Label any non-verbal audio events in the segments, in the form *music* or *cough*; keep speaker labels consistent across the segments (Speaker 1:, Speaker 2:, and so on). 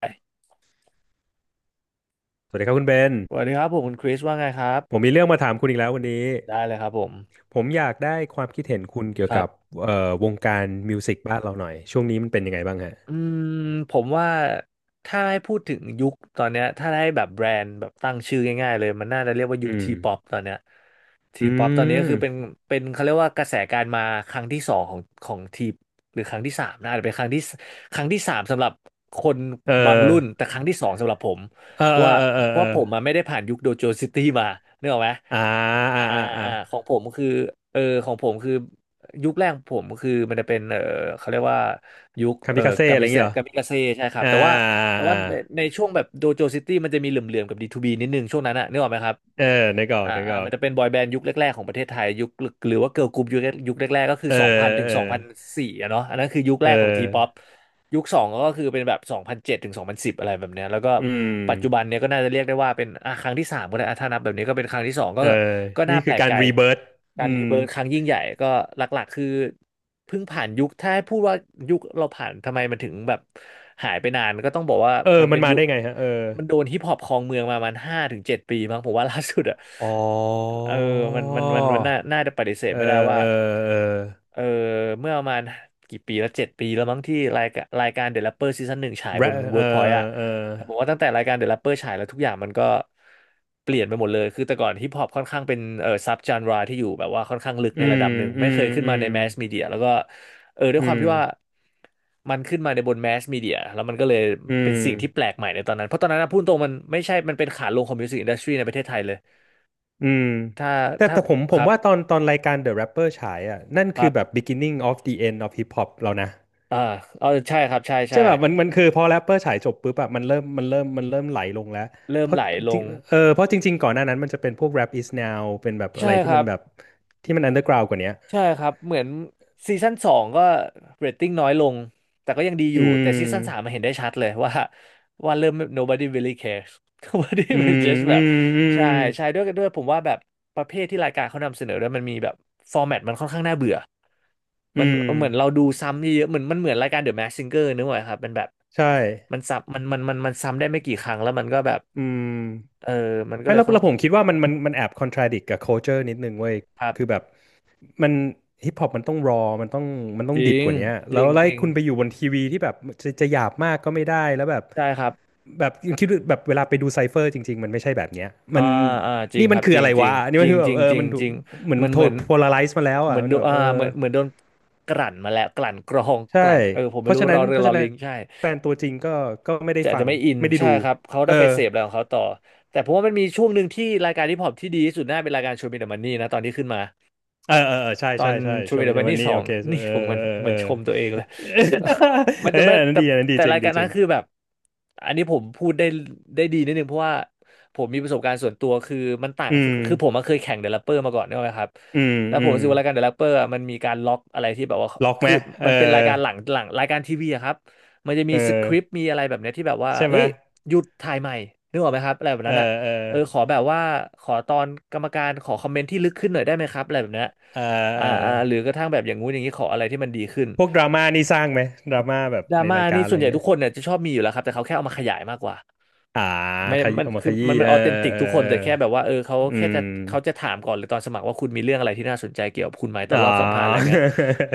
Speaker 1: ส
Speaker 2: สวัสดีครับคุณเบน
Speaker 1: วัสดีครับผมคุณคริสว่าไงครับ
Speaker 2: ผมมีเรื่องมาถามคุณอีกแล้ววันนี้
Speaker 1: ได้เลยครับผม
Speaker 2: ผมอยากได้ความคิดเห็นคุณเกี่ย
Speaker 1: ค
Speaker 2: ว
Speaker 1: รั
Speaker 2: กั
Speaker 1: บ
Speaker 2: บวงการมิวสิกบ้านเราหน่อย ช่วงนี้มันเป็นยังไงบ้างฮะ
Speaker 1: อืมผมว่าถ้าให้พูดถึงยุคตอนเนี้ยถ้าให้แบบแบรนด์แบบตั้งชื่อง่ายๆเลยมันน่าจะเรียกว่ายุ
Speaker 2: อื
Speaker 1: ค
Speaker 2: ม
Speaker 1: ทีป๊อปตอนเนี้ยที
Speaker 2: อื
Speaker 1: ป๊อปตอนนี้ก็คือเป็น
Speaker 2: ม
Speaker 1: เขาเรียกว่ากระแสการมาครั้งที่สองของทีหรือครั้งที่สามนะอาจจะเป็นครั้งที่สครั้งที่สามสำหรับคน
Speaker 2: เอ
Speaker 1: บาง
Speaker 2: อ
Speaker 1: รุ่นแต่ครั้งที่สองสำหรับผม
Speaker 2: เออ
Speaker 1: เพ
Speaker 2: เอ
Speaker 1: ราะ
Speaker 2: อ
Speaker 1: ว่า
Speaker 2: เออเออ
Speaker 1: เพราะ
Speaker 2: เอ
Speaker 1: ว่าผม
Speaker 2: อ
Speaker 1: มาไม่ได้ผ่านยุคโดโจซิตี้มานึกออกไหม
Speaker 2: อ่าอ่า
Speaker 1: อ่า
Speaker 2: อ่าอ่า
Speaker 1: ของผมคือของผมคือ ยุคแรกของผมคือมันจะเป็นเขาเรียกว่ายุค
Speaker 2: คามิกาเซ่อะไรอย่างเงี้ยเหรอ
Speaker 1: กามิกาเซ่ใช่ครับ
Speaker 2: อ่า
Speaker 1: แต่ว่า
Speaker 2: อ่า
Speaker 1: ในช่วงแบบโดโจซิตี้มันจะมีเหลื่อมๆกับ D2B นิดนึงช่วงนั้นอะนึกออกไหมครับ
Speaker 2: เออนึกออกนึกออ
Speaker 1: มัน
Speaker 2: ก
Speaker 1: จะเป็นบอยแบนด์ยุคแรกๆของประเทศไทยยุคหรือว่าเกิร์ลกรุ๊ปยุคแรกๆก็คือ
Speaker 2: เออ
Speaker 1: 2000ถึง
Speaker 2: เออ
Speaker 1: 2004องพันสี่อะเนาะอันนั้นคือยุค
Speaker 2: เอ
Speaker 1: แรกของทีป๊อป
Speaker 2: อ
Speaker 1: ยุคสองก็คือเป็นแบบ2007ถึง2010องพันสิบอะไรแบบเนี้ยแล้วก็
Speaker 2: อืม
Speaker 1: ปัจจุบันเนี้ยก็น่าจะเรียกได้ว่าเป็นอ่ะครั้งที่สามก็ได้อ่ะถ้านับแบบนี้ก็เป็นครั้งที่สองก็
Speaker 2: เออ
Speaker 1: ก็น่า
Speaker 2: นี่
Speaker 1: แป
Speaker 2: คื
Speaker 1: ล
Speaker 2: อ
Speaker 1: ก
Speaker 2: กา
Speaker 1: ใจ
Speaker 2: รรีเบิร์
Speaker 1: การ
Speaker 2: อื
Speaker 1: รี
Speaker 2: ม
Speaker 1: เบิร์ธครั้งยิ่งใหญ่ก็หลักๆคือเพิ่งผ่านยุคถ้าให้พูดว่ายุคเราผ่านทำไมมันถึงแบบหายไปนานก็ต้องบอกว่า
Speaker 2: เออ
Speaker 1: มัน
Speaker 2: มั
Speaker 1: เป็
Speaker 2: น
Speaker 1: น
Speaker 2: มา
Speaker 1: ยุค
Speaker 2: ได้ไงฮะเออ
Speaker 1: มันโดนฮิปฮอปครองเมืองมาประมันห้าถึงเจ็ดปีมั้งผมว่าล่าสุดอะ
Speaker 2: อ๋อ
Speaker 1: เออมันน่าจะปฏิเสธ
Speaker 2: เออ
Speaker 1: ไม่ได้ว่า
Speaker 2: เออเออ
Speaker 1: เออเมื่อประมาณกี่ปีแล้วเจ็ดปีแล้วมั้งที่รายการเด e r แรปเปอร์ซีซั่นหนึ่งฉาย
Speaker 2: แร
Speaker 1: บนเวิ
Speaker 2: เอ
Speaker 1: ร์กพอยต์อะ
Speaker 2: อเออ
Speaker 1: ผมว่าตั้งแต่รายการ The Rapper ฉายแล้วทุกอย่างมันก็เปลี่ยนไปหมดเลยคือแต่ก่อนฮิปฮอปค่อนข้างเป็นซับจานราที่อยู่แบบว่าค่อนข้างลึก
Speaker 2: อื
Speaker 1: ในระ
Speaker 2: ม
Speaker 1: ดับหนึ่ง
Speaker 2: อื
Speaker 1: ไม่เค
Speaker 2: ม
Speaker 1: ยขึ้น
Speaker 2: อื
Speaker 1: มา
Speaker 2: ม
Speaker 1: ในแมสมีเดียแล้วก็ด้ว
Speaker 2: อื
Speaker 1: ยความ
Speaker 2: ม
Speaker 1: ที่ว่ามันขึ้นมาในบนแมสมีเดียแล้วมันก็เลย
Speaker 2: อื
Speaker 1: เป็น
Speaker 2: ม
Speaker 1: สิ่งที่แปลกใหม่ในตอนนั้นเพราะตอนนั้นนะพูดตรงมันไม่ใช่มันเป็นขาลงของมิวสิกอินดัสทรีในประเทศไทยเลย
Speaker 2: อืม
Speaker 1: ถ้า
Speaker 2: แต่
Speaker 1: ถ้า
Speaker 2: แต่ผมผ
Speaker 1: ค
Speaker 2: ม
Speaker 1: รับ
Speaker 2: ว่าตอนรายการ The Rapper ฉายอ่ะนั่น
Speaker 1: ค
Speaker 2: คื
Speaker 1: รั
Speaker 2: อแบบ
Speaker 1: บ
Speaker 2: beginning of the end of hip hop แล้วนะ
Speaker 1: อ่าใช่ครับใช่
Speaker 2: ใช่
Speaker 1: ใช่
Speaker 2: แบบมันคือพอ Rapper ฉายจบปุ๊บอะมันเริ่มไหลลงแล้ว
Speaker 1: เริ่
Speaker 2: เพ
Speaker 1: ม
Speaker 2: ราะ
Speaker 1: ไหลล
Speaker 2: จริง
Speaker 1: ง
Speaker 2: เออเพราะจริงๆก่อนหน้านั้นมันจะเป็นพวก Rap is now เป็นแบบอะ
Speaker 1: ใช่
Speaker 2: ไร
Speaker 1: ค
Speaker 2: ที่
Speaker 1: รั
Speaker 2: มัน
Speaker 1: บ
Speaker 2: แบบที่มัน underground กว่าเนี้ย
Speaker 1: ใช่ครับเหมือนซีซั่นสองก็เรตติ้งน้อยลงแต่ก็ยังดีอ
Speaker 2: อื
Speaker 1: ยู่แต่ซีซั่นสามมา
Speaker 2: ม
Speaker 1: เห็นได้ชัดเลย *laughs* ว่าเริ่ม nobody really cares *laughs* nobody
Speaker 2: อื
Speaker 1: will
Speaker 2: ม
Speaker 1: just แบ
Speaker 2: อื
Speaker 1: บ
Speaker 2: มอื
Speaker 1: ใช่
Speaker 2: ม
Speaker 1: ใช่ด้วยผมว่าแบบประเภทที่รายการเขานำเสนอด้วยมันมีแบบฟอร์แมตมันค่อนข้างน่าเบื่อ
Speaker 2: อื
Speaker 1: มัน
Speaker 2: ม
Speaker 1: เหมือนเราดูซ้ำเยอะๆเหมือนมันเหมือนรายการ The Masked Singer นึกไหมครับมันแบบ
Speaker 2: ใช่
Speaker 1: มันซ้ำมันซ้ำได้ไม่กี่ครั้งแล้วมันก็แบบ
Speaker 2: อืม
Speaker 1: เออมันก็
Speaker 2: ไม่
Speaker 1: เลย
Speaker 2: แล้ว
Speaker 1: ค่อน
Speaker 2: แล้วผมคิดว่ามันแอบ contradict กับ culture นิดนึงเว้ย
Speaker 1: ครับ
Speaker 2: คือแบบมันฮิปฮอปมันต้องรอมันต้องมันต้อ
Speaker 1: จ
Speaker 2: ง
Speaker 1: ริ
Speaker 2: ดิบ
Speaker 1: ง
Speaker 2: กว่านี้
Speaker 1: จ
Speaker 2: แล้
Speaker 1: ริ
Speaker 2: ว
Speaker 1: ง
Speaker 2: ไล่
Speaker 1: จริง
Speaker 2: คุณไปอยู่บนทีวีที่แบบจะจะหยาบมากก็ไม่ได้แล้วแบบ
Speaker 1: ใช่ครับ
Speaker 2: แบบคิดแบบเวลาไปดูไซเฟอร์จริงๆมันไม่ใช่แบบเนี้ย
Speaker 1: อ่า
Speaker 2: มัน
Speaker 1: จริง
Speaker 2: นี่
Speaker 1: ค
Speaker 2: มัน
Speaker 1: รับ
Speaker 2: คือ
Speaker 1: จริ
Speaker 2: อะ
Speaker 1: ง
Speaker 2: ไร
Speaker 1: จริ
Speaker 2: วะ
Speaker 1: ง
Speaker 2: นี่
Speaker 1: จ
Speaker 2: มั
Speaker 1: ริ
Speaker 2: น
Speaker 1: ง
Speaker 2: คือแบ
Speaker 1: จ
Speaker 2: บ
Speaker 1: ริง
Speaker 2: เออ
Speaker 1: จริ
Speaker 2: มั
Speaker 1: ง
Speaker 2: น
Speaker 1: จริง
Speaker 2: เหมือน
Speaker 1: มัน
Speaker 2: โท
Speaker 1: เห
Speaker 2: ร
Speaker 1: มือน
Speaker 2: โพลาไรซ์มาแล้ว
Speaker 1: เห
Speaker 2: อ่ะ
Speaker 1: มือน
Speaker 2: มั
Speaker 1: โด
Speaker 2: น
Speaker 1: น
Speaker 2: แบบ
Speaker 1: อ่า
Speaker 2: เออ
Speaker 1: เหมือนโดนกลั่นมาแล้วกลั่นกรอง *laughs*
Speaker 2: ใช่
Speaker 1: กลั่นผม
Speaker 2: เพ
Speaker 1: ไม่
Speaker 2: ราะ
Speaker 1: รู้
Speaker 2: ฉะ
Speaker 1: ร
Speaker 2: นั้
Speaker 1: อ
Speaker 2: น
Speaker 1: เรื
Speaker 2: เพ
Speaker 1: อ
Speaker 2: ราะ
Speaker 1: รอ
Speaker 2: ฉะนั้
Speaker 1: ลิ
Speaker 2: น
Speaker 1: งใช่
Speaker 2: แฟนตัวจริงก็ก็ไม่ได้
Speaker 1: จะ
Speaker 2: ฟัง
Speaker 1: ไม่อิน
Speaker 2: ไม่ได้
Speaker 1: ใช่
Speaker 2: ดู
Speaker 1: ครับเขา
Speaker 2: เอ
Speaker 1: ได้
Speaker 2: อ
Speaker 1: ไปเสพอะไรของเขาต่อแต่ผมว่ามันมีช่วงหนึ่งที่รายการฮิปฮอปที่ดีที่สุดน่าเป็นรายการโชว์มีเดอะมันนี่นะตอนที่ขึ้นมา
Speaker 2: เออเออเออใช่
Speaker 1: ตอ
Speaker 2: ใช่
Speaker 1: น
Speaker 2: ใช่
Speaker 1: ชู
Speaker 2: โช
Speaker 1: วิน
Speaker 2: ว์
Speaker 1: เด
Speaker 2: มี
Speaker 1: อ
Speaker 2: เด
Speaker 1: แมน
Speaker 2: วัน
Speaker 1: ที่
Speaker 2: นี้
Speaker 1: สอ
Speaker 2: โอ
Speaker 1: ง
Speaker 2: เค
Speaker 1: นี่
Speaker 2: เออ
Speaker 1: ผมเหมือน
Speaker 2: เออเออ
Speaker 1: ชมตัวเองเลย *laughs* ไม่
Speaker 2: เอ
Speaker 1: แต่ไม่
Speaker 2: อ *laughs* อันนั้น
Speaker 1: แต่
Speaker 2: ดีอันนั้นดี
Speaker 1: แต่
Speaker 2: จริ
Speaker 1: รา
Speaker 2: ง
Speaker 1: ยกา
Speaker 2: ดี
Speaker 1: ร
Speaker 2: จ
Speaker 1: นั้
Speaker 2: ริ
Speaker 1: น
Speaker 2: ง
Speaker 1: คือแบบอันนี้ผมพูดได้ได้ดีนิดนึงเพราะว่าผมมีประสบการณ์ส่วนตัวคือมันต่าง
Speaker 2: อื
Speaker 1: กับ
Speaker 2: ม
Speaker 1: คือผมมาเคยแข่งเด e ล o อ e เปอร์มาก่อนนะครับ
Speaker 2: อืม
Speaker 1: แล้วผ
Speaker 2: อื
Speaker 1: ม
Speaker 2: ม
Speaker 1: รู้สึกว่ารายการเด e ล o อ e เปอร์มันมีการล็อกอะไรที่แบบว่า
Speaker 2: ล็อกไห
Speaker 1: คื
Speaker 2: ม
Speaker 1: อ
Speaker 2: เออ
Speaker 1: มันเป็นรายการหลังรายการทีวีอะครับมันจะมี
Speaker 2: เออ
Speaker 1: สคริปต์มีอะไรแบบเนี้ยที่แบบว่า
Speaker 2: ใช่ไห
Speaker 1: เฮ้
Speaker 2: ม
Speaker 1: ยหยุดถ่ายใหม่นึกออกไหมครับอะไรแบบ
Speaker 2: เออ
Speaker 1: นั้นอะ
Speaker 2: เออ
Speaker 1: ขอแบบว่าขอตอนกรรมการขอคอมเมนต์ที่ลึกขึ้นหน่อยได้ไหมครับอะไรแบบเนี้ย
Speaker 2: เออเอ
Speaker 1: หรือ
Speaker 2: อ
Speaker 1: กระทั่งแบบอย่างงู้นอย่างนี้ขออะไรที่มันดีขึ้น
Speaker 2: พวกดราม่านี่สร้างไหมดราม่าแบบ
Speaker 1: ดรา
Speaker 2: ใน
Speaker 1: ม่า
Speaker 2: รายกา
Speaker 1: นี่
Speaker 2: รอะ
Speaker 1: ส่
Speaker 2: ไร
Speaker 1: วนใหญ่
Speaker 2: เงี้
Speaker 1: ทุก
Speaker 2: ย
Speaker 1: คนเนี่ยจะชอบมีอยู่แล้วครับแต่เขาแค่เอามาขยายมากกว่า
Speaker 2: อ่า
Speaker 1: ไม่
Speaker 2: ข
Speaker 1: ได้
Speaker 2: ยี้
Speaker 1: มัน
Speaker 2: เอามา
Speaker 1: คื
Speaker 2: ข
Speaker 1: อ
Speaker 2: ยี้
Speaker 1: มัน
Speaker 2: เออ
Speaker 1: ออเทนติก
Speaker 2: เออ
Speaker 1: ทุกค
Speaker 2: เออ
Speaker 1: น
Speaker 2: เออ
Speaker 1: แต่แค่แบบว่าเขา
Speaker 2: อื
Speaker 1: แค่
Speaker 2: ม
Speaker 1: จะเขาจะถามก่อนหรือตอนสมัครว่าคุณมีเรื่องอะไรที่น่าสนใจเกี่ยวกับคุณไหมตอน
Speaker 2: อ๋อ
Speaker 1: รอบสัมภาษณ์อะไรเงี้ย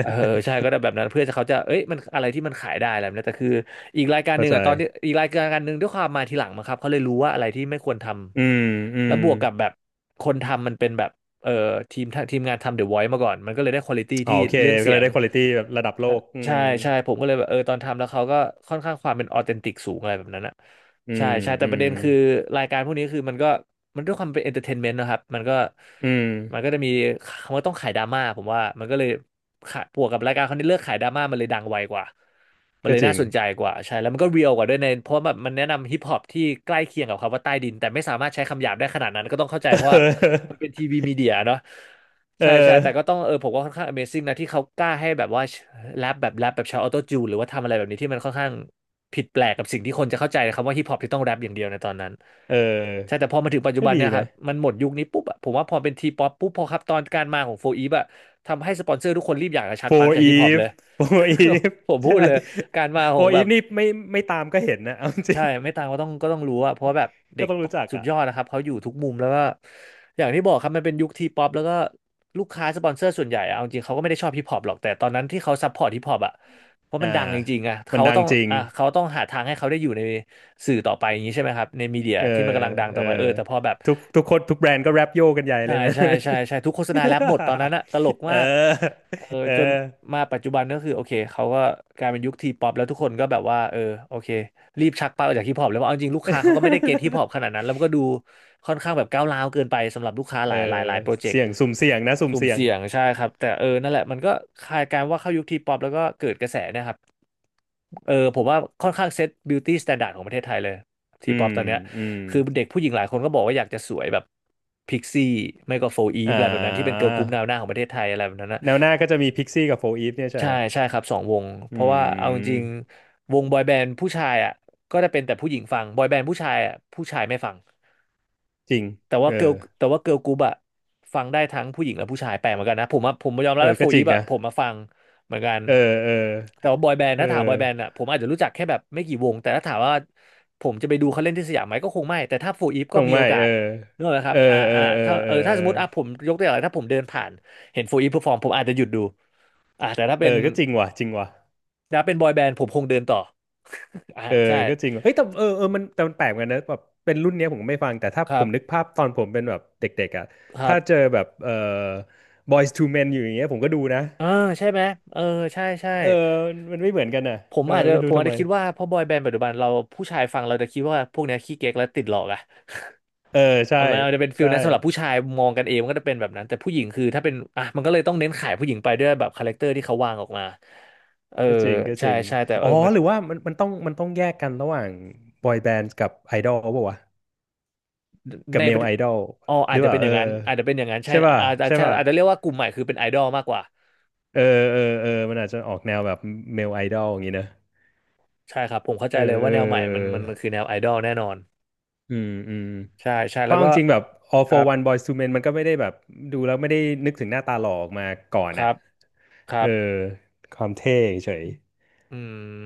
Speaker 1: เออใช่ก็ ได้แบบนั้นเพื่อจะเขาจะเอ้ยมันอะไรที่มันขายได้อะไรแบบนี้แต่คืออีกรายการห
Speaker 2: เข้า
Speaker 1: นึ่ง
Speaker 2: ใจ
Speaker 1: อ่ะตอนที่อีกรายการหนึ่งด้วยความมาทีหลังมาครับเขาเลยรู้ว่าอะไรที่ไม่ควรท
Speaker 2: อืมอื
Speaker 1: ำแล้ว
Speaker 2: ม
Speaker 1: บวกกับแบบคนทำมันเป็นแบบเออทีมงานทำเดอมาก่อนมันก็เลยได้ควอลิตี้
Speaker 2: อ๋อ
Speaker 1: ที่
Speaker 2: โอเค
Speaker 1: เรื่อง
Speaker 2: ก็
Speaker 1: เสี
Speaker 2: เล
Speaker 1: ย
Speaker 2: ย
Speaker 1: ง
Speaker 2: ได้ควอลิตี้แบบระดับโลกอื
Speaker 1: ใช่
Speaker 2: ม
Speaker 1: ใช่ผมก็เลยแบบตอนทำแล้วเขาก็ค่อนข้างความเป็นออเทนติกสูงอะไรแบบนั้นอะ
Speaker 2: อื
Speaker 1: ใช่
Speaker 2: ม
Speaker 1: ใช่แต่
Speaker 2: อื
Speaker 1: ประ
Speaker 2: ม
Speaker 1: เด็นคือรายการพวกนี้คือมันก็มันด้วยความเป็นเอนเตอร์เทนเมนต์นะครับมันก็
Speaker 2: อืม
Speaker 1: มันก็จะมีมันต้องขายดราม่าผมว่ามันก็เลยขาบวกกับรายการเขาที่เลือกขายดราม่ามันเลยดังไวกว่ามัน
Speaker 2: ก็
Speaker 1: เลย
Speaker 2: จริ
Speaker 1: น่า
Speaker 2: ง
Speaker 1: สนใจกว่าใช่แล้วมันก็เรียลกว่าด้วยในเพราะแบบมันแนะนำฮิปฮอปที่ใกล้เคียงกับคำว่าใต้ดินแต่ไม่สามารถใช้คำหยาบได้ขนาดนั้นก็ต้องเข้าใจเพราะว่ามันเป็นทีวีมีเดียเนาะ
Speaker 2: *laughs* เอ
Speaker 1: ใช่ใช่
Speaker 2: อ
Speaker 1: แต่ก็ต้องผมว่าค่อนข้าง Amazing นะที่เขากล้าให้แบบว่าแรปแบบใช้ออโต้จูนหรือว่าทำอะไรแบบนี้ที่มันค่อนข้างผิดแปลกกับสิ่งที่คนจะเข้าใจคำว่าฮิปฮอปที่ต้องแรปอย่างเดียวในตอนนั้น
Speaker 2: เออเ
Speaker 1: ใช่
Speaker 2: ออ
Speaker 1: แต่พอมาถึงปัจจุ
Speaker 2: ก็
Speaker 1: บัน
Speaker 2: ดี
Speaker 1: เนี่ยครั
Speaker 2: นะ
Speaker 1: บมันหมดยุคนี้ปุ๊บอะผมว่าพอเป็นทีป๊อปปุ๊บพอครับตอนการมาของโฟอีฟอะทำให้สปอนเซอร์ทุกคนรีบอยากจะชักปลั๊ก
Speaker 2: for
Speaker 1: จากฮิปฮอปเล
Speaker 2: Eve
Speaker 1: ย
Speaker 2: *laughs* for Eve
Speaker 1: *laughs* ผมพูด
Speaker 2: ใช่
Speaker 1: เลยการมาของ
Speaker 2: for
Speaker 1: แบบ
Speaker 2: Eve นี่ไม่ไม่ตามก็เห็นนะ *laughs* เอาจริ
Speaker 1: ใช่
Speaker 2: ง
Speaker 1: ไม่ต่างก็ต้องรู้อะเพราะว่าแบบเด็
Speaker 2: ก็
Speaker 1: ก
Speaker 2: ต้องรู้จัก
Speaker 1: สุด
Speaker 2: อ่ะ
Speaker 1: ยอดนะครับเขาอยู่ทุกมุมแล้วก็อย่างที่บอกครับมันเป็นยุคทีป๊อปแล้วก็ลูกค้าสปอนเซอร์ส่วนใหญ่อะเอาจริงเขาก็ไม่ได้ชอบฮิปฮอปหรอกแต่ตอนนั้นที่เขาซัพพอร์ตฮิปฮอปอะเพราะ
Speaker 2: อ่า
Speaker 1: มันดังจริงๆอะ
Speaker 2: มัน
Speaker 1: เขา
Speaker 2: ดั
Speaker 1: ต้
Speaker 2: ง
Speaker 1: อง
Speaker 2: จริง
Speaker 1: อ่ะเขาต้องหาทางให้เขาได้อยู่ในสื่อต่อไปอย่างนี้ใช่ไหมครับในมีเดีย
Speaker 2: เออ
Speaker 1: ที่มันกำลังดัง
Speaker 2: เอ
Speaker 1: ต่อ
Speaker 2: อ
Speaker 1: ไปแต่พอแบบ
Speaker 2: ทุกคนทุกแบรนด์ก็แรปโยกันใหญ่เล
Speaker 1: ใช่
Speaker 2: ยนะ
Speaker 1: ใช่ใช่ใช่ทุกโฆษณาแรปหมดตอนนั้นอะตลก
Speaker 2: *laughs* เอ
Speaker 1: มาก
Speaker 2: อ
Speaker 1: เออ
Speaker 2: เออ
Speaker 1: จนมาปัจจุบันก็คือโอเคเขาก็กลายเป็นยุคทีป๊อปแล้วทุกคนก็แบบว่าโอเครีบชักเป้าออกจากฮิปฮอปแล้วว่าเอาจริงลูกค้าเขาก็ไม่ได้เก็ตฮิปฮอปขนาดนั้นแล้วมันก็ดูค่อนข้างแบบก้าวร้าวเกินไปสำหรับลูกค้า
Speaker 2: เออ
Speaker 1: หลายโปรเจกต์
Speaker 2: เสี่ยงสุ่มเสี่ยงนะสุ่ม
Speaker 1: สุ่ม
Speaker 2: เสี่ยง
Speaker 1: เสี่ยงใช่ครับแต่นั่นแหละมันก็คล้ายกันว่าเข้ายุคทีป๊อปแล้วก็เกิดกระแสเนะครับผมว่าค่อนข้างเซตบิวตี้สแตนดาร์ดของประเทศไทยเลย ที
Speaker 2: อื
Speaker 1: ป๊อป
Speaker 2: ม
Speaker 1: ตอนเนี้ย
Speaker 2: อืม
Speaker 1: คือเด็กผู้หญิงหลายคนก็บอกว่าอยากจะสวยแบบพิกซี่ไม่ก็โฟอีฟ
Speaker 2: อ่
Speaker 1: อะไรแบบนั้นที่เป็น
Speaker 2: า
Speaker 1: เกิร์ลกรุ๊ปแนวหน้าของประเทศไทยอะไรแบบนั้นนะ
Speaker 2: แนวหน้าก็จะมีพิกซี่กับโฟอีฟเนี่ยใช่
Speaker 1: ใช่
Speaker 2: ฮะ
Speaker 1: ใช่ครับสองวง
Speaker 2: อื
Speaker 1: เพราะว่าเอาจริง
Speaker 2: ม
Speaker 1: ๆวงบอยแบนด์ผู้ชายอ่ะก็จะเป็นแต่ผู้หญิงฟังบอยแบนด์ผู้ชายอ่ะผู้ชายไม่ฟัง
Speaker 2: จริง
Speaker 1: แต่ว่า
Speaker 2: เออ
Speaker 1: เกิลแต่ว่าเกิลกรุ๊ปอะฟังได้ทั้งผู้หญิงและผู้ชายแปลกเหมือนกันนะผมอะผมยอมรั
Speaker 2: เอ
Speaker 1: บ
Speaker 2: อ
Speaker 1: ว่าโฟ
Speaker 2: ก็จ
Speaker 1: อี
Speaker 2: ริง
Speaker 1: ฟอะ
Speaker 2: นะ
Speaker 1: ผมมาฟังเหมือนกัน
Speaker 2: เออเออ
Speaker 1: แต่ว่าบอยแบนด์
Speaker 2: เอ
Speaker 1: ถ้าถามบอ
Speaker 2: อ
Speaker 1: ยแบนด์อะผมอาจจะรู้จักแค่แบบไม่กี่วงแต่ถ้าถามว่าผมจะไปดูเขาเล่นที่สยามไหมก็คงไม่แต่ถ้าโฟอีฟ
Speaker 2: ค
Speaker 1: ก็
Speaker 2: ง
Speaker 1: มีโอ
Speaker 2: ไม่
Speaker 1: กา
Speaker 2: เออ
Speaker 1: สนึกออกไหมค
Speaker 2: เอ
Speaker 1: รับ
Speaker 2: อ
Speaker 1: อ่า
Speaker 2: เออ
Speaker 1: อ่า
Speaker 2: เออ
Speaker 1: ถ้า
Speaker 2: เออ
Speaker 1: ถ้า
Speaker 2: เอ
Speaker 1: ส
Speaker 2: อ
Speaker 1: มมติอ่ะผมยกตัวอย่างอะไรถ้าผมเดินผ่านเห็นโฟอีฟเพอร์ฟอร์มผมอาจจะหยุดดูอ่าแต่ถ้า
Speaker 2: เอ
Speaker 1: เป็
Speaker 2: อ
Speaker 1: น
Speaker 2: ก็จริงว่ะจริงว่ะ
Speaker 1: ถ้าเป็นบอยแบนด์ผมคงเดินต่อ *laughs* อ่า
Speaker 2: เออ
Speaker 1: ใช่
Speaker 2: ก็จริงว่ะเฮ้ยแต่เออเออมันแต่มันแปลกเหมือนกันนะแบบเป็นรุ่นเนี้ยผมก็ไม่ฟังแต่ถ้า
Speaker 1: ค
Speaker 2: ผ
Speaker 1: รั
Speaker 2: มนึก
Speaker 1: บ
Speaker 2: ภาพตอนผมเป็นแบบเด็กๆอ่ะ
Speaker 1: ครั
Speaker 2: ถ้าเจอ
Speaker 1: บ
Speaker 2: แบบเออ Boys to Men อยู่อย่างเงี้ยผมก็ดูนะ
Speaker 1: เออใช่ไหมเออใช่ใช่
Speaker 2: เออมันไม่เหมือนกันอ่ะ
Speaker 1: ผม
Speaker 2: เออ
Speaker 1: อาจจะ
Speaker 2: ไม่
Speaker 1: ผ
Speaker 2: รู้
Speaker 1: ม
Speaker 2: ทำ
Speaker 1: อาจ
Speaker 2: ไม
Speaker 1: จะคิดว่าเพอบอยแบนด์ปัจจุบันเราผู้ชายฟังเราจะคิดว่าพวกเนี้ยขี้เก๊กและติดหลอกอะ
Speaker 2: เออใช่
Speaker 1: อ่ะมันอาจจะเป็นฟิล
Speaker 2: ใช่
Speaker 1: นั้นสำหรับผู้ชายมองกันเองมันก็จะเป็นแบบนั้นแต่ผู้หญิงคือถ้าเป็นอ่ะมันก็เลยต้องเน้นขายผู้หญิงไปด้วยแบบคาแรคเตอร์ที่เขาวางออกมาเออ
Speaker 2: ก็จริงก็จ
Speaker 1: ใช่
Speaker 2: ริง
Speaker 1: ใช่แต่
Speaker 2: อ๋
Speaker 1: เอ
Speaker 2: อ
Speaker 1: อมัน
Speaker 2: หรือว่ามันต้องแยกกันระหว่างบอยแบนด์กับไอดอลป่าววะกั
Speaker 1: ใน
Speaker 2: บเม
Speaker 1: ประ
Speaker 2: ล
Speaker 1: เท
Speaker 2: ไอ
Speaker 1: ศ
Speaker 2: ดอล
Speaker 1: อ๋อ
Speaker 2: ห
Speaker 1: อา
Speaker 2: รื
Speaker 1: จ
Speaker 2: อ
Speaker 1: จะเป็
Speaker 2: ว่า
Speaker 1: นอ
Speaker 2: เอ
Speaker 1: ย่า
Speaker 2: อ
Speaker 1: งนั้นอาจจะเป็นอย่างนั้นใช่
Speaker 2: ใช่ป่ะ
Speaker 1: อาจจะ
Speaker 2: ใช่
Speaker 1: ใช่
Speaker 2: ป่ะ
Speaker 1: อาจจะเรียกว่ากลุ่มใหม่คือเป็นไอดอลมากกว่า
Speaker 2: เออเออเออมันอาจจะออกแนวแบบเมลไอดอลอย่างนี้นะ
Speaker 1: ใช่ครับผมเข้าใจ
Speaker 2: เอ
Speaker 1: เลย
Speaker 2: อเอ
Speaker 1: ว่าแนวใหม่มัน
Speaker 2: อ
Speaker 1: มันมันคือแนวไอดอลแน่นอน
Speaker 2: อืมอืม
Speaker 1: ใช่ใช่
Speaker 2: เพ
Speaker 1: แล้
Speaker 2: ราะ
Speaker 1: ว
Speaker 2: เอา
Speaker 1: ก็
Speaker 2: จริงๆแบบ All
Speaker 1: ครั
Speaker 2: for
Speaker 1: บ
Speaker 2: One Boyz To Men มันก็ไม่ได้แบบดูแล้วไม่ได้นึกถึงหน้าตาหล่อออกมาก่อน
Speaker 1: ครั
Speaker 2: อะ
Speaker 1: บครั
Speaker 2: เออ
Speaker 1: บ
Speaker 2: ความเท่เฉย
Speaker 1: อื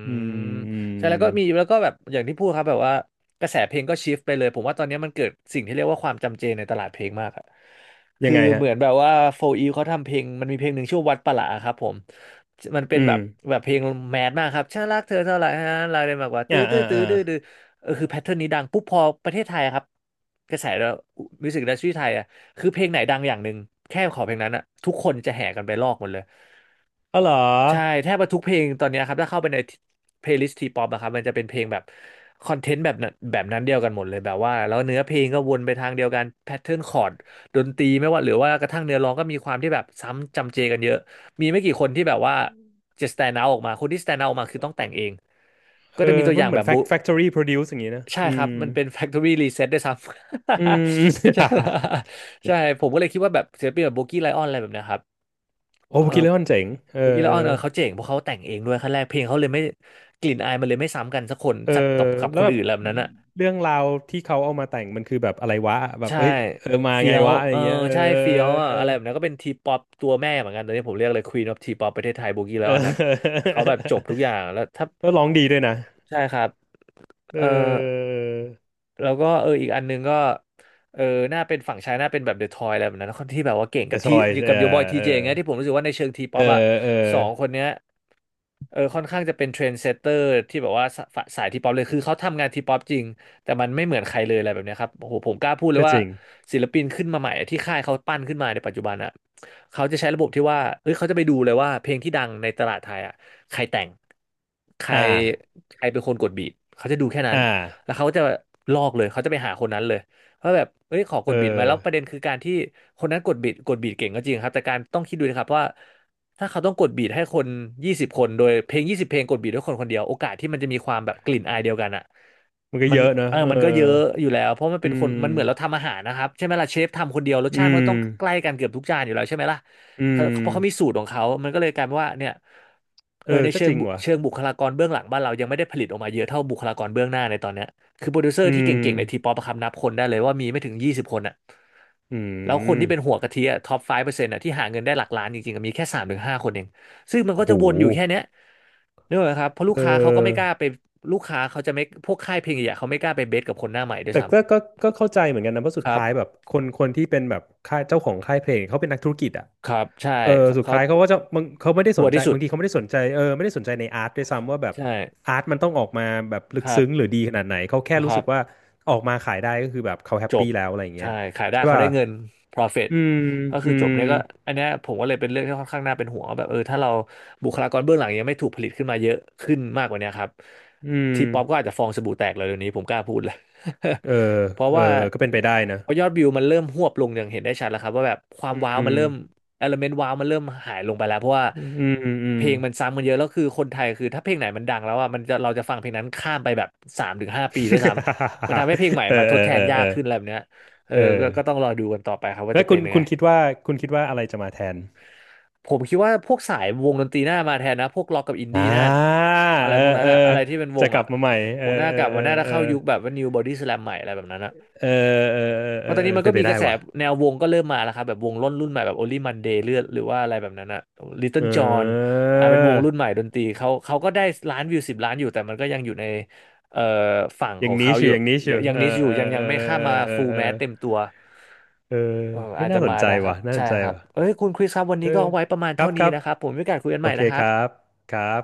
Speaker 2: อื
Speaker 1: ม
Speaker 2: มอืม
Speaker 1: ใช่แล้วก็มีแล้วก็แบบอย่างที่พูดครับแบบว่ากระแสเพลงก็ชิฟไปเลยผมว่าตอนนี้มันเกิดสิ่งที่เรียกว่าความจำเจในตลาดเพลงมากอะ
Speaker 2: ยั
Speaker 1: คือ
Speaker 2: งไง
Speaker 1: เห
Speaker 2: ฮะ
Speaker 1: มือนแบบว่าโฟอีเขาทำเพลงมันมีเพลงหนึ่งชื่อวัดประหลาครับผมมันเป็
Speaker 2: อื
Speaker 1: นแบ
Speaker 2: ม
Speaker 1: บแบบเพลงแมสมากครับฉันรักเธอเท่าไหร่ฮะรักได้มากกว่า
Speaker 2: อ่า
Speaker 1: ตื้อตื้
Speaker 2: อ่า
Speaker 1: อตื้อ
Speaker 2: อ่า
Speaker 1: ดื้อดื้อเออคือแพทเทิร์นนี้ดังปุ๊บพอประเทศไทยอะครับกระแสมิวสิกอินดัสทรีไทยอะคือเพลงไหนดังอย่างหนึ่งแค่ขอเพลงนั้นอะทุกคนจะแห่กันไปลอกหมดเลย
Speaker 2: อ๋อเหรอ
Speaker 1: ใช่แทบว่าทุกเพลงตอนเนี้ยครับถ้าเข้าไปในเพลย์ลิสต์ทีป๊อปอะครับมันจะเป็นเพลงแบบคอนเทนต์แบบนั้นแบบนั้นเดียวกันหมดเลยแบบว่าแล้วเนื้อเพลงก็วนไปทางเดียวกันแพทเทิร์นคอร์ดดนตรีไม่ว่าหรือว่ากระทั่งเนื้อร้องก็มีความที่แบบซ้ำจำเจกันเยอะมีไม่กี่คนที่แบบว่าจะ stand out ออกมาคนที่ stand out ออกมาคือต้องแต่งเองก็
Speaker 2: เอ
Speaker 1: จะมี
Speaker 2: อ
Speaker 1: ตัวอ
Speaker 2: มัน
Speaker 1: ย่าง
Speaker 2: เหมื
Speaker 1: แบ
Speaker 2: อน
Speaker 1: บบุ
Speaker 2: factory produce อย่างงี้นะ
Speaker 1: ใช่
Speaker 2: อื
Speaker 1: ครับ
Speaker 2: ม
Speaker 1: มันเป็น factory reset ด้วยซ้ำ
Speaker 2: อืม *laughs*
Speaker 1: *laughs* ใช่ *laughs* ใช่ผมก็เลยคิดว่าแบบศิลปินแบบโบกี้ไลออนอะไรแบบเนี้ยครับ
Speaker 2: โอ้
Speaker 1: เออ
Speaker 2: โบกิเลอนเจ๋งเออ
Speaker 1: โบกี้
Speaker 2: เอ
Speaker 1: และอ
Speaker 2: อ
Speaker 1: อนเออเขาเจ๋งเพราะเขาแต่งเองด้วยขั้นแรกเพลงเขาเลยไม่กลิ่นอายมันเลยไม่ซ้ำกันสักคน
Speaker 2: เออ
Speaker 1: สักกับ
Speaker 2: แล้
Speaker 1: ค
Speaker 2: ว
Speaker 1: น
Speaker 2: แบ
Speaker 1: อื่
Speaker 2: บ
Speaker 1: นอะไรแบบนั้นอ่ะ
Speaker 2: เรื่องราวที่เขาเอามาแต่งมันคือแบบอะไรวะแบบ
Speaker 1: ใช่
Speaker 2: เฮ้ยเออมา
Speaker 1: เฟี้
Speaker 2: ไง
Speaker 1: ยว
Speaker 2: วะอะไร
Speaker 1: เออ
Speaker 2: เงี้ยเออ
Speaker 1: ใช่เฟี้ยวอ่ะอะไรแบบนั้นก็เป็นทีป๊อปตัวแม่เหมือนกันตอนนี้ผมเรียกเลย Queen of T-pop ประเทศไทยโบกี้และ
Speaker 2: เอ
Speaker 1: ออนอ่ะ
Speaker 2: อ
Speaker 1: เขาแบบจบทุกอย่างแล้วถ้า
Speaker 2: *laughs* ก็ร้องดีด้วยนะ
Speaker 1: ใช่ครับ
Speaker 2: เอ
Speaker 1: เออ
Speaker 2: อ
Speaker 1: แล้วก็เอออีกอันนึงก็เออหน้าเป็นฝั่งชายหน้าเป็นแบบเดอะทอยอะไรแบบนั้นคนที่แบบว่าเก่งกั
Speaker 2: The
Speaker 1: บที่
Speaker 2: Choice
Speaker 1: กั
Speaker 2: เอ
Speaker 1: บโยบอย
Speaker 2: อ
Speaker 1: ที
Speaker 2: เอ
Speaker 1: เจ
Speaker 2: อ
Speaker 1: เงี้ยที่ผมรู้สึกว่าในเชิงทีป๊
Speaker 2: เอ
Speaker 1: อ
Speaker 2: อ
Speaker 1: ปอะ
Speaker 2: เออ
Speaker 1: สองคนเนี้ยเออค่อนข้างจะเป็นเทรนด์เซตเตอร์ที่แบบว่าสายทีป๊อปเลยคือเขาทำงานทีป๊อปจริงแต่มันไม่เหมือนใครเลยอะไรแบบเนี้ยครับโอ้โหผมกล้าพูดเลย
Speaker 2: ก็จ
Speaker 1: ว่า
Speaker 2: ริง
Speaker 1: ศิลปินขึ้นมาใหม่อะที่ค่ายเขาปั้นขึ้นมาในปัจจุบันอะเขาจะใช้ระบบที่ว่าเฮ้ยเขาจะไปดูเลยว่าเพลงที่ดังในตลาดไทยอะใครแต่งใคร
Speaker 2: อ่า
Speaker 1: ใครเป็นคนกดบีทเขาจะดูแค่นั้น
Speaker 2: อ่า
Speaker 1: แล้วเขาจะลอกเลยเขาจะไปหาคนนั้นเลยว่าแบบเอ้ยขอก
Speaker 2: เอ
Speaker 1: ดบิดมาแล้วประเด็
Speaker 2: อ
Speaker 1: นคือการที่คนนั้นกดบิดกดบิดเก่งก็จริงครับแต่การต้องคิดดูนะครับว่าถ้าเขาต้องกดบีทให้คนยี่สิบคนโดยเพลง20 เพลงกดบีทด้วยคนคนเดียวโอกาสที่มันจะมีความแบบกลิ่นอายเดียวกันอ่ะ
Speaker 2: มันก็
Speaker 1: มัน
Speaker 2: เยอะเนอะ
Speaker 1: เออ
Speaker 2: เออ
Speaker 1: มันก็เยอะอยู่แล้วเพราะมัน
Speaker 2: อื
Speaker 1: เป็นคนมันเหมือนเรา
Speaker 2: ม
Speaker 1: ทำอาหารนะครับใช่ไหมล่ะเชฟทำคนเดียวรสชา
Speaker 2: อื
Speaker 1: ติมันก็ต้
Speaker 2: ม
Speaker 1: องใกล้กันเกือบทุกจานอยู่แล้วใช่ไหมล่ะ
Speaker 2: อื
Speaker 1: เขาเพราะเขามี
Speaker 2: ม
Speaker 1: สูตรของเขามันก็เลยกลายเป็นว่าเนี่ยเอ
Speaker 2: เอ
Speaker 1: อ
Speaker 2: อ
Speaker 1: ใน
Speaker 2: ก็
Speaker 1: เชิ
Speaker 2: จ
Speaker 1: ง
Speaker 2: ริงว่ะ
Speaker 1: เชิงบุคลากรเบื้องหลังบ้านเรายังไม่ได้ผลิตออกมาเยอะเท่าบุคลากรเบื้องหน้าในตอนเนี้ย คือโปรดิวเซอ
Speaker 2: อื
Speaker 1: ร์ที่
Speaker 2: ม
Speaker 1: เก่งๆในทีป๊อปครับนับคนได้เลยว่ามีไม่ถึงยี่สิบคนอะ
Speaker 2: อื
Speaker 1: แล้วคนที่เป็นหั
Speaker 2: ม
Speaker 1: วกะทิอะท็อป5%อะที่หาเงินได้หลักล้านจริงๆอะมีแค่3 ถึง 5 คนเองซึ่งมัน
Speaker 2: โอ้
Speaker 1: ก็
Speaker 2: โห
Speaker 1: จะวนอยู่แค่เนี้ยนึกออกไหมครับเพราะลูก
Speaker 2: เอ
Speaker 1: ค้าเขาก็ไม่กล้า
Speaker 2: อ
Speaker 1: ไปลูกค้าเขาจะไม่พวกค่ายเพลงใหญ่ๆเขาไม่กล้าไปเบสกับคนหน้าใหม่ด้วย
Speaker 2: แต่
Speaker 1: ซ้
Speaker 2: ก็ก็ก็เข้าใจเหมือนกันนะเพราะ
Speaker 1: ำ
Speaker 2: สุ
Speaker 1: ค
Speaker 2: ด
Speaker 1: รับ
Speaker 2: ท้ายแบบคนที่เป็นแบบค่ายเจ้าของค่ายเพลงเขาเป็นนักธุรกิจอ่ะ
Speaker 1: ครับใช่
Speaker 2: เออ
Speaker 1: เขา
Speaker 2: สุด
Speaker 1: เขา
Speaker 2: ท้ายเขาก็จะบางเขาไม่ได้
Speaker 1: ชั
Speaker 2: ส
Speaker 1: ว
Speaker 2: น
Speaker 1: ร์
Speaker 2: ใจ
Speaker 1: ที่สุด
Speaker 2: บางทีเขาไม่ได้สนใจเออไม่ได้สนใจในอาร์ตด้วยซ้ำว่าแบบ
Speaker 1: ใช่
Speaker 2: อาร์ตมันต้องออกมาแบบลึ
Speaker 1: ค
Speaker 2: ก
Speaker 1: รั
Speaker 2: ซึ้งหรือ
Speaker 1: บ
Speaker 2: ดีขนาดไหนเขาแค่
Speaker 1: ค
Speaker 2: รู้
Speaker 1: รั
Speaker 2: สึ
Speaker 1: บ
Speaker 2: กว่าออกมาขายได้ก็คือแบบเขาแฮป
Speaker 1: จบ
Speaker 2: ปี้แล้วอะไรอย่างเงี้
Speaker 1: ใช่
Speaker 2: ย
Speaker 1: ขายได้
Speaker 2: ใช่
Speaker 1: เขา
Speaker 2: ป่ะ
Speaker 1: ได้เงิน profit
Speaker 2: อืม
Speaker 1: ก็
Speaker 2: อื
Speaker 1: คือจบ
Speaker 2: ม
Speaker 1: เนี่ยก็อันเนี้ยผมก็เลยเป็นเรื่องที่ค่อนข้างน่าเป็นห่วงว่าแบบเออถ้าเราบุคลากรเบื้องหลังยังไม่ถูกผลิตขึ้นมาเยอะขึ้นมากกว่าเนี้ยครับ
Speaker 2: อืม
Speaker 1: ทีป๊อปก็อาจจะฟองสบู่แตกเลยเดี๋ยวนี้ผมกล้าพูดเลย
Speaker 2: เออ
Speaker 1: *laughs* เพราะ
Speaker 2: เออ
Speaker 1: ว่า
Speaker 2: ก็เป็นไปได้นะ
Speaker 1: พอยอดวิวมันเริ่มหวบลงอย่างเห็นได้ชัดแล้วครับว่าแบบความ
Speaker 2: อื
Speaker 1: ว้าวมัน
Speaker 2: ม
Speaker 1: เริ่มเอลเมนต์ว้าวมันเริ่มหายลงไปแล้วเพราะว่า
Speaker 2: อืมอื
Speaker 1: เพ
Speaker 2: ม
Speaker 1: ลงมันซ้ำกันเยอะแล้วคือคนไทยคือถ้าเพลงไหนมันดังแล้วอ่ะมันจะเราจะฟังเพลงนั้นข้ามไปแบบ3 ถึง 5 ปีด้วยซ้ำ มันทำให้เพลงให
Speaker 2: *laughs*
Speaker 1: ม่
Speaker 2: เออ
Speaker 1: มาท
Speaker 2: เอ
Speaker 1: ด
Speaker 2: อ
Speaker 1: แท
Speaker 2: เอ
Speaker 1: น
Speaker 2: อ
Speaker 1: ยา
Speaker 2: เอ
Speaker 1: ก
Speaker 2: อ
Speaker 1: ขึ้นอะไรแบบเนี้ยเออ
Speaker 2: เอ
Speaker 1: ก็
Speaker 2: อ
Speaker 1: ก็ต้องรอดูกันต่อไปครับว่า
Speaker 2: แล้
Speaker 1: จะ
Speaker 2: วคุ
Speaker 1: เป็น
Speaker 2: ณ
Speaker 1: ยัง
Speaker 2: คุ
Speaker 1: ไง
Speaker 2: ณคิดว่าคุณคิดว่าอะไรจะมาแทน
Speaker 1: ผมคิดว่าพวกสายวงดนตรีหน้ามาแทนนะพวกล็อกกับอิน
Speaker 2: อ่
Speaker 1: ดี้หน้า
Speaker 2: า
Speaker 1: อะไร
Speaker 2: เออ
Speaker 1: พวกนั้
Speaker 2: เอ
Speaker 1: น
Speaker 2: อ
Speaker 1: อะอะไรที่เป็นว
Speaker 2: จะ
Speaker 1: ง
Speaker 2: กลั
Speaker 1: อะ
Speaker 2: บมาใหม่
Speaker 1: ผ
Speaker 2: เออ
Speaker 1: มหน้า
Speaker 2: เอ
Speaker 1: ก
Speaker 2: อ
Speaker 1: ลับ
Speaker 2: เอ
Speaker 1: มา
Speaker 2: อ
Speaker 1: หน้าจะ
Speaker 2: เออ
Speaker 1: เข้ายุคแบบว่า New Body Slam ใหม่อะไรแบบนั้นอะ
Speaker 2: เออเออ
Speaker 1: เพ
Speaker 2: เออเออ
Speaker 1: ราะตอน
Speaker 2: เออ
Speaker 1: นี้มัน
Speaker 2: เป็
Speaker 1: ก็
Speaker 2: นไป
Speaker 1: มีก
Speaker 2: ได้
Speaker 1: ระแส
Speaker 2: ว่ะ
Speaker 1: แนววงก็เริ่มมาแล้วครับแบบวงรุ่นใหม่แบบ Only Monday เลือดหรือว่าอะไรแบบนั้นอะ
Speaker 2: เ
Speaker 1: Little John
Speaker 2: ออ
Speaker 1: อ่าเป็นวงรุ่นใหม่ดนตรีเขาก็ได้ล้านวิว10 ล้านอยู่แต่มันก็ยังอยู่ในเอ่อฝั่ง
Speaker 2: อ
Speaker 1: ข
Speaker 2: ย่า
Speaker 1: อ
Speaker 2: ง
Speaker 1: ง
Speaker 2: นี้
Speaker 1: เขาอ
Speaker 2: ชิว
Speaker 1: ยู่
Speaker 2: อย่างนี้ชิ
Speaker 1: ยัง
Speaker 2: ว
Speaker 1: ยัง
Speaker 2: เออ
Speaker 1: นิชอยู่
Speaker 2: เออ
Speaker 1: ยังยั
Speaker 2: เอ
Speaker 1: ง
Speaker 2: อ
Speaker 1: ไม่ข้าม
Speaker 2: เออ
Speaker 1: มา
Speaker 2: เออ
Speaker 1: ฟูล
Speaker 2: เออ
Speaker 1: แมสเต็มตัว
Speaker 2: เออ
Speaker 1: เออ
Speaker 2: เฮ้
Speaker 1: อา
Speaker 2: ย
Speaker 1: จจะ
Speaker 2: น่าสน
Speaker 1: มา
Speaker 2: ใจ
Speaker 1: ได้ครั
Speaker 2: ว่ะ
Speaker 1: บ
Speaker 2: น่าส
Speaker 1: ใช่
Speaker 2: นใจ
Speaker 1: ครับ
Speaker 2: ว่ะ
Speaker 1: เอ้ยคุณคริสครับวัน
Speaker 2: เอ
Speaker 1: นี้
Speaker 2: อ
Speaker 1: ก็เอาไว้ประมาณ
Speaker 2: ครั
Speaker 1: เท่า
Speaker 2: บค
Speaker 1: นี้
Speaker 2: รับ
Speaker 1: นะครับผมมีโอกาสคุยกัน
Speaker 2: โอ
Speaker 1: ใหม่
Speaker 2: เค
Speaker 1: นะค
Speaker 2: ค
Speaker 1: รับ
Speaker 2: รับครับ